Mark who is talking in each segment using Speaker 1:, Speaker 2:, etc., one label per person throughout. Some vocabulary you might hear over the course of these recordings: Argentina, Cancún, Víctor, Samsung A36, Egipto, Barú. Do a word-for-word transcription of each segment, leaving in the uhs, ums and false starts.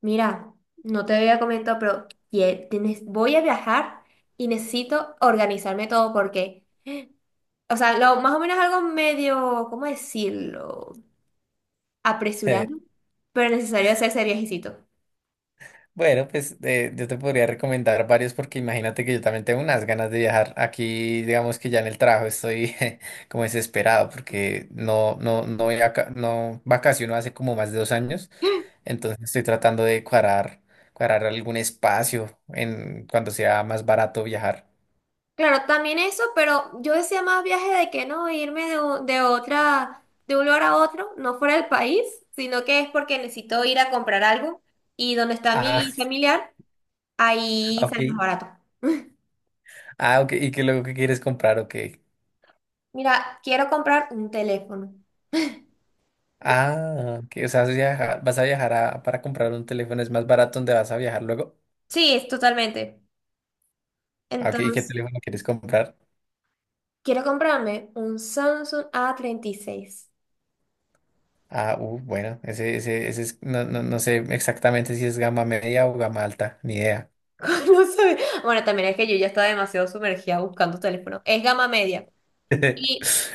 Speaker 1: Mira, no te había comentado, pero ye- tienes- voy a viajar y necesito organizarme todo porque, o sea, lo, más o menos algo medio, ¿cómo decirlo? Apresurado,
Speaker 2: Eh,
Speaker 1: pero necesario hacer ese viajecito.
Speaker 2: Bueno, pues eh, yo te podría recomendar varios porque imagínate que yo también tengo unas ganas de viajar. Aquí, digamos que ya en el trabajo estoy como desesperado porque no, no, no, voy a ca- no vacaciono hace como más de dos años. Entonces estoy tratando de cuadrar, cuadrar algún espacio en cuando sea más barato viajar.
Speaker 1: Claro, también eso, pero yo decía más viaje de que no irme de, u- de otra, de un lugar a otro, no fuera del país, sino que es porque necesito ir a comprar algo y donde está
Speaker 2: Ah,
Speaker 1: mi familiar, ahí sale más
Speaker 2: ok.
Speaker 1: barato.
Speaker 2: Ah, ok. ¿Y qué luego que quieres comprar? Ok.
Speaker 1: Mira, quiero comprar un teléfono.
Speaker 2: Ah, ok. O sea, vas a viajar, vas a viajar a- para comprar un teléfono, es más barato donde vas a viajar luego.
Speaker 1: Sí, es totalmente.
Speaker 2: Ah, ok, ¿y qué
Speaker 1: Entonces,
Speaker 2: teléfono quieres comprar?
Speaker 1: quiero comprarme un Samsung A treinta y seis.
Speaker 2: Ah, uh, bueno, ese, ese, ese es, no, no, no sé exactamente si es gama media o gama alta, ni idea.
Speaker 1: No sé. Bueno, también es que yo ya estaba demasiado sumergida buscando teléfono. Es gama media. Y,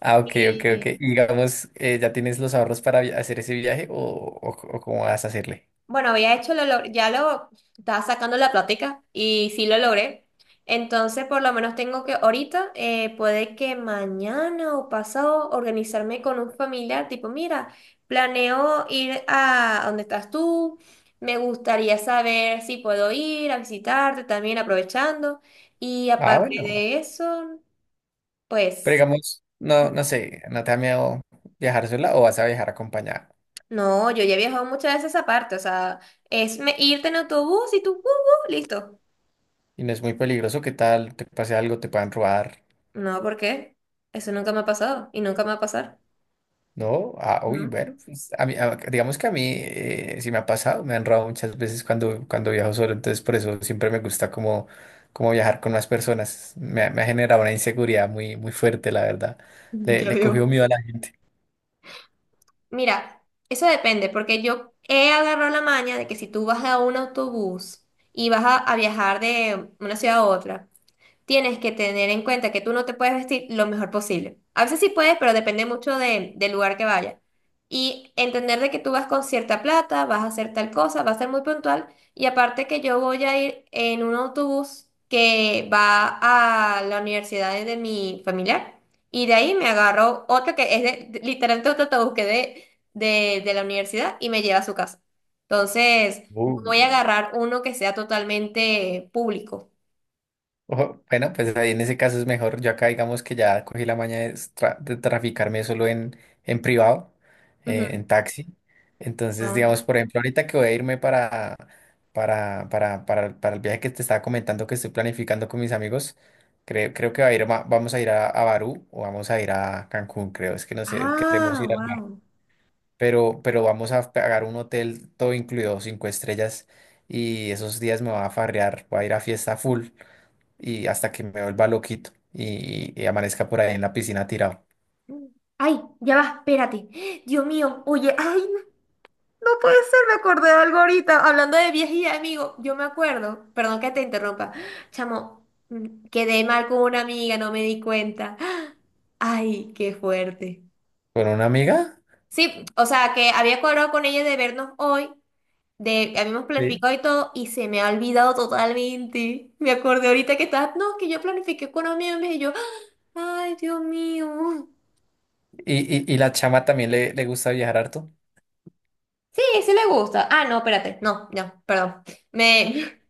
Speaker 2: Ah, ok, ok, ok. Y digamos, eh, ¿ya tienes los ahorros para vi- hacer ese viaje o, o, o cómo vas a hacerle?
Speaker 1: bueno, había hecho, lo, log- ya lo estaba sacando la plática y sí lo logré. Entonces, por lo menos tengo que ahorita, eh, puede que mañana o pasado, organizarme con un familiar, tipo, mira, planeo ir a donde estás tú, me gustaría saber si puedo ir a visitarte también aprovechando. Y
Speaker 2: Ah,
Speaker 1: aparte
Speaker 2: bueno.
Speaker 1: de eso,
Speaker 2: Pero
Speaker 1: pues,
Speaker 2: digamos, no, no sé, ¿no te da miedo viajar sola o vas a viajar acompañada?
Speaker 1: no, yo ya he viajado muchas veces aparte, o sea, es me- irte en autobús y tú, uh, uh, listo.
Speaker 2: Y no es muy peligroso, ¿qué tal? ¿Te pase algo? ¿Te puedan robar?
Speaker 1: No, ¿por qué? Eso nunca me ha pasado y nunca me va a pasar.
Speaker 2: No, ah, uy,
Speaker 1: ¿No?
Speaker 2: bueno, pues, a mí, a- digamos que a mí eh, sí me ha pasado, me han robado muchas veces cuando, cuando viajo solo, entonces por eso siempre me gusta como, como viajar con más personas. Me, ha me ha generado una inseguridad muy, muy fuerte, la verdad. Le,
Speaker 1: Ya
Speaker 2: le cogió
Speaker 1: veo.
Speaker 2: miedo a la gente.
Speaker 1: Mira, eso depende, porque yo he agarrado la maña de que si tú vas a un autobús y vas a, a viajar de una ciudad a otra, tienes que tener en cuenta que tú no te puedes vestir lo mejor posible. A veces sí puedes, pero depende mucho de- del lugar que vayas. Y entender de que tú vas con cierta plata, vas a hacer tal cosa, vas a ser muy puntual. Y aparte que yo voy a ir en un autobús que va a la universidad de de mi familiar. Y de ahí me agarro otro que es de- de- literalmente otro autobús que de, de, de la universidad y me lleva a su casa. Entonces, no
Speaker 2: Uh.
Speaker 1: voy a agarrar uno que sea totalmente público.
Speaker 2: Ojo, bueno, pues ahí en ese caso es mejor. Yo acá digamos que ya cogí la maña de, tra- de traficarme solo en, en privado, eh,
Speaker 1: Ujú.
Speaker 2: en taxi. Entonces,
Speaker 1: Ah.
Speaker 2: digamos, por ejemplo, ahorita que voy a irme para, para, para, para, para el viaje que te estaba comentando que estoy planificando con mis amigos, creo, creo que va a ir, ma- vamos a ir a, a Barú o vamos a ir a Cancún, creo. Es que no sé, queremos
Speaker 1: Ah,
Speaker 2: ir al mar.
Speaker 1: wow.
Speaker 2: Pero, pero vamos a pagar un hotel todo incluido, cinco estrellas, y esos días me va a farrear, voy a ir a fiesta full y hasta que me vuelva loquito y, y amanezca por ahí en la piscina tirado
Speaker 1: Ay, ya va, espérate. Dios mío, oye, ay, no no puede ser, me acordé de algo ahorita. Hablando de viajes y de amigos, yo me acuerdo, perdón que te interrumpa, chamo, mm, quedé mal con una amiga, no me di cuenta. Ay, qué fuerte.
Speaker 2: con una amiga.
Speaker 1: Sí, o sea, que había cuadrado con ella de vernos hoy, de habíamos
Speaker 2: Sí.
Speaker 1: planificado y todo, y se me ha olvidado totalmente. Me acordé ahorita que estás, no, que yo planifiqué con amigos y yo, ay, Dios mío.
Speaker 2: Y, y, y la chama también le, le gusta viajar harto.
Speaker 1: Sí, sí le gusta. Ah, no, espérate. No, no, perdón. Me,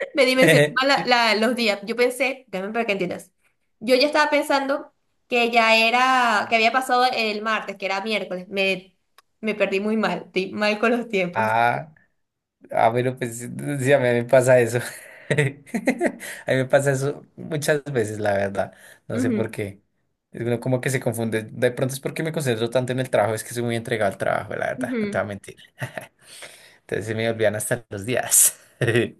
Speaker 1: me dimensioné mal la- la- los días. Yo pensé, déjame para que entiendas. Yo ya estaba pensando que ya era, que había pasado el martes, que era miércoles. Me, me perdí muy mal, estoy mal con los tiempos.
Speaker 2: Ah, ah, pero pues sí, sí, a mí me pasa eso. A mí me pasa eso muchas veces, la verdad. No sé por
Speaker 1: Ujú,
Speaker 2: qué. Es uno como que se confunde. De pronto es porque me concentro tanto en el trabajo, es que soy muy entregado al trabajo, la verdad, no te voy
Speaker 1: ujú.
Speaker 2: a mentir. Entonces se me olvidan hasta los días.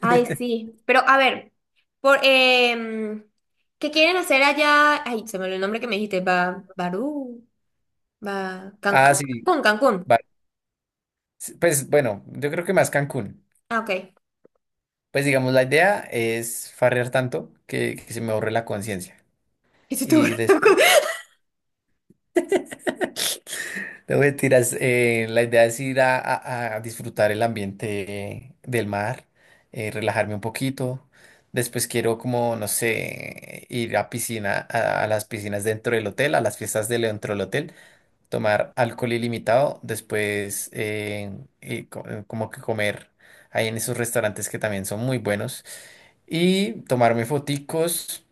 Speaker 1: Ay, sí. Pero a ver, por, em, ¿qué quieren hacer allá? Ay, se me olvidó el nombre que me dijiste. Ba, Barú, Ba, Can-
Speaker 2: Ah, sí,
Speaker 1: Cancún, Cancún.
Speaker 2: vale. Sí, pues bueno, yo creo que más Cancún.
Speaker 1: Ah, ok. ¿Qué
Speaker 2: Pues digamos, la idea es farrear tanto que, que se me borre la conciencia.
Speaker 1: hiciste?
Speaker 2: Y después,
Speaker 1: ¿Barú?
Speaker 2: no mentiras, eh, la idea es ir a, a- a disfrutar el ambiente del mar, eh, relajarme un poquito. Después quiero como, no sé, ir a piscina, a, a las piscinas dentro del hotel, a las fiestas de dentro del hotel, tomar alcohol ilimitado, después eh, y co- eh, como que comer ahí en esos restaurantes que también son muy buenos y tomarme foticos.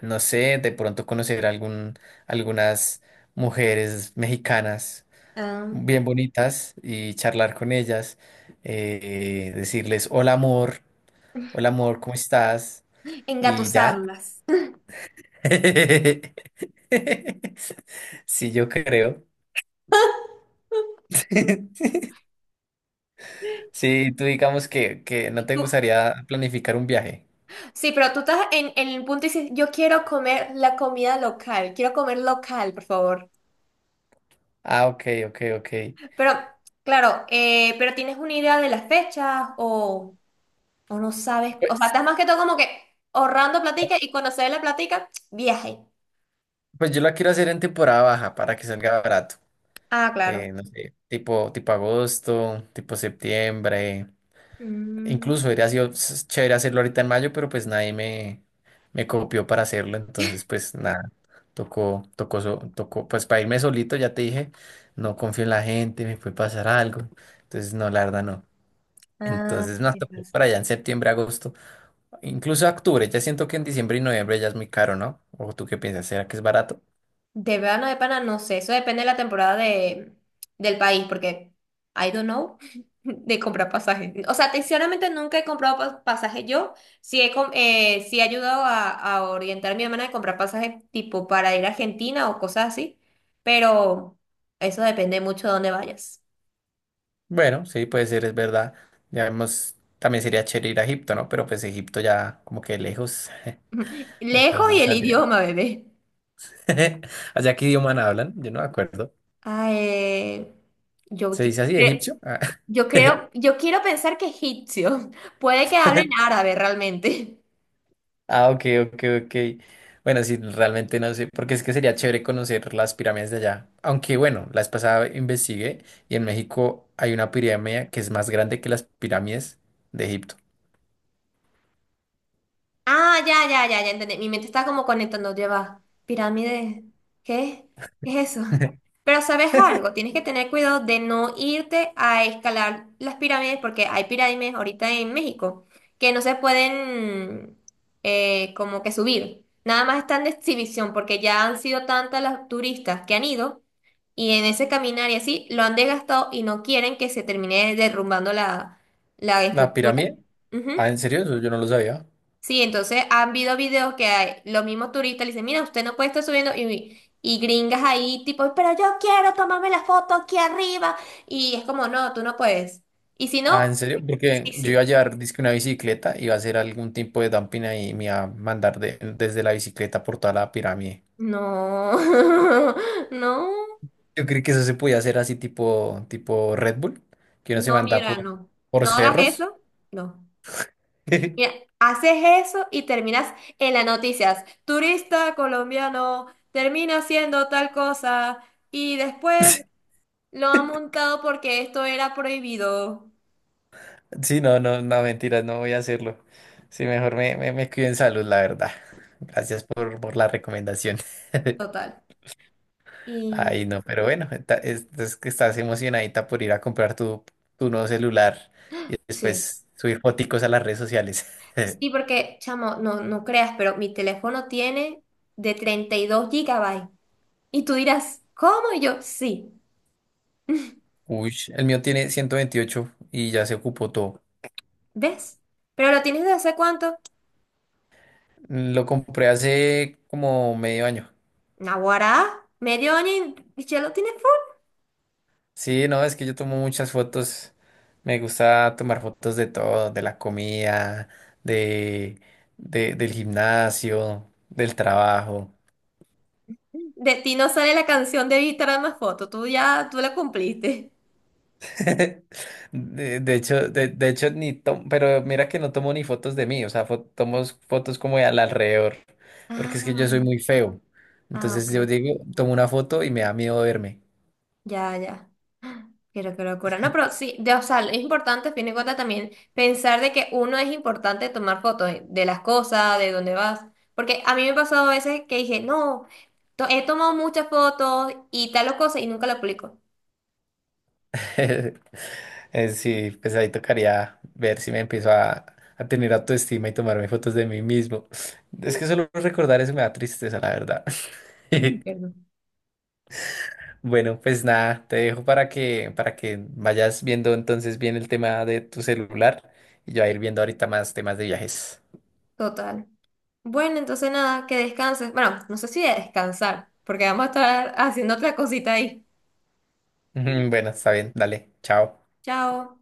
Speaker 2: No sé, de pronto conocer algún, algunas mujeres mexicanas
Speaker 1: Ah.
Speaker 2: bien bonitas y charlar con ellas, eh, decirles, hola amor, hola amor, ¿cómo estás? Y ya.
Speaker 1: Engatusarlas.
Speaker 2: Sí, yo creo. Sí, tú digamos que, que no te
Speaker 1: Tú-
Speaker 2: gustaría planificar un viaje.
Speaker 1: Sí, pero tú estás en, en el punto y dices, yo quiero comer la comida local, quiero comer local, por favor.
Speaker 2: Ah, ok, ok, ok.
Speaker 1: Pero, claro, eh, pero tienes una idea de las fechas o, o no sabes, o sea,
Speaker 2: Pues,
Speaker 1: estás más que todo como que ahorrando platica y cuando se dé la platica, viaje.
Speaker 2: pues yo la quiero hacer en temporada baja para que salga barato.
Speaker 1: Ah, claro.
Speaker 2: Eh, no sé, tipo, tipo agosto, tipo septiembre.
Speaker 1: Mm,
Speaker 2: Incluso hubiera sido s- chévere hacerlo ahorita en mayo, pero pues nadie me, me copió para hacerlo, entonces pues nada, tocó, tocó, so- tocó, pues para irme solito, ya te dije, no confío en la gente, me puede pasar algo, entonces no, la verdad no.
Speaker 1: ah,
Speaker 2: Entonces nos
Speaker 1: sí,
Speaker 2: tocó
Speaker 1: pues.
Speaker 2: para allá en septiembre, agosto, incluso octubre, ya siento que en diciembre y noviembre ya es muy caro, ¿no? ¿O tú qué piensas? ¿Será que es barato?
Speaker 1: De verano de pana, no sé. Eso depende de la temporada de, del país, porque I don't know de comprar pasajes. O sea, sinceramente nunca he comprado pas- pasajes yo. Sí he, com- eh, sí he ayudado a, a orientar a mi hermana de comprar pasajes tipo para ir a Argentina o cosas así. Pero eso depende mucho de dónde vayas.
Speaker 2: Bueno, sí, puede ser, es verdad. Ya vemos, también sería chévere ir a Egipto, ¿no? Pero pues Egipto ya como que lejos,
Speaker 1: Lejos y
Speaker 2: entonces
Speaker 1: el
Speaker 2: saldría.
Speaker 1: idioma, bebé.
Speaker 2: ¿Allá qué idioma hablan? Yo no me acuerdo.
Speaker 1: Ah, eh, yo,
Speaker 2: ¿Se
Speaker 1: qui-
Speaker 2: dice así,
Speaker 1: cre-
Speaker 2: egipcio? Ah,
Speaker 1: yo creo, yo quiero pensar que egipcio. Puede que hablen árabe realmente.
Speaker 2: ah, ok, ok, ok. Bueno, sí, realmente no sé, porque es que sería chévere conocer las pirámides de allá. Aunque bueno, la vez pasada investigué y en México hay una pirámide que es más grande que las pirámides de Egipto.
Speaker 1: Ah, ya, ya, ya, ya entendí. Mi mente está como conectando, lleva pirámides. ¿Qué? ¿Qué es eso? Pero sabes algo, tienes que tener cuidado de no irte a escalar las pirámides porque hay pirámides ahorita en México que no se pueden eh, como que subir. Nada más están de exhibición porque ya han sido tantas las turistas que han ido y en ese caminar y así lo han desgastado y no quieren que se termine derrumbando la, la
Speaker 2: ¿La
Speaker 1: estructura.
Speaker 2: pirámide? Ah,
Speaker 1: Ujú.
Speaker 2: ¿en serio? Eso yo no lo sabía.
Speaker 1: Sí, entonces han habido videos que hay, los mismos turistas le dicen, mira, usted no puede estar subiendo y, y gringas ahí tipo, pero yo quiero tomarme la foto aquí arriba. Y es como, no, tú no puedes. Y si
Speaker 2: Ah,
Speaker 1: no,
Speaker 2: ¿en serio? Porque
Speaker 1: sí,
Speaker 2: yo iba a
Speaker 1: sí.
Speaker 2: llevar, dizque una bicicleta, iba a hacer algún tipo de dumping ahí y me iba a mandar de- desde la bicicleta por toda la pirámide.
Speaker 1: No, no,
Speaker 2: Yo creí que eso se podía hacer así tipo, tipo Red Bull, que uno se
Speaker 1: no,
Speaker 2: manda
Speaker 1: mira,
Speaker 2: por,
Speaker 1: no.
Speaker 2: por
Speaker 1: No hagas
Speaker 2: cerros.
Speaker 1: eso, no. Mira, haces eso y terminas en las noticias. Turista colombiano termina haciendo tal cosa y después lo ha montado porque esto era prohibido.
Speaker 2: Sí, no, no, no, mentiras, no voy a hacerlo. Sí, mejor me, me, me cuido en salud, la verdad. Gracias por, por la recomendación.
Speaker 1: Total. Y
Speaker 2: Ay, no, pero bueno, está- es, es que estás emocionadita por ir a comprar tu, tu nuevo celular y
Speaker 1: sí,
Speaker 2: después subir foticos a las redes sociales.
Speaker 1: sí, porque, chamo, no, no creas, pero mi teléfono tiene de treinta y dos gigabytes. Y tú dirás, ¿cómo? Y yo, sí.
Speaker 2: Uy, el mío tiene ciento veintiocho y ya se ocupó todo.
Speaker 1: ¿Ves? Pero ¿lo tienes desde hace cuánto?
Speaker 2: Mm, Lo compré hace como medio año.
Speaker 1: Naguará, medio año y ya lo tienes full.
Speaker 2: Sí, no, es que yo tomo muchas fotos. Me gusta tomar fotos de todo, de la comida, de, de- del gimnasio, del trabajo.
Speaker 1: De ti no sale la canción de Víctor más foto, tú ya, tú la cumpliste.
Speaker 2: De, de hecho, de, de hecho, ni tomo, pero mira que no tomo ni fotos de mí, o sea, fo- tomo fotos como de al alrededor, porque es que yo soy muy
Speaker 1: Ah,
Speaker 2: feo.
Speaker 1: ah,
Speaker 2: Entonces
Speaker 1: ok.
Speaker 2: yo digo, tomo una foto y me da miedo verme.
Speaker 1: Ya, ya. Pero qué locura. No, pero sí, de, o sea, es importante, a fin de cuentas, también pensar de que uno es importante tomar fotos de de las cosas, de dónde vas. Porque a mí me ha pasado a veces que dije, no, to- he tomado muchas fotos y tal o cosa y nunca la publico.
Speaker 2: Eh, Sí, pues ahí tocaría ver si me empiezo a, a tener autoestima y tomarme fotos de mí mismo. Es que solo recordar eso me da tristeza, la verdad.
Speaker 1: Ay, perdón.
Speaker 2: Bueno, pues nada, te dejo para que, para que vayas viendo entonces bien el tema de tu celular y yo a ir
Speaker 1: Sí,
Speaker 2: viendo ahorita más temas de viajes.
Speaker 1: total. Bueno, entonces nada, que descanses. Bueno, no sé si de descansar, porque vamos a estar haciendo otra cosita ahí.
Speaker 2: Bueno, está bien, dale, chao.
Speaker 1: Chao.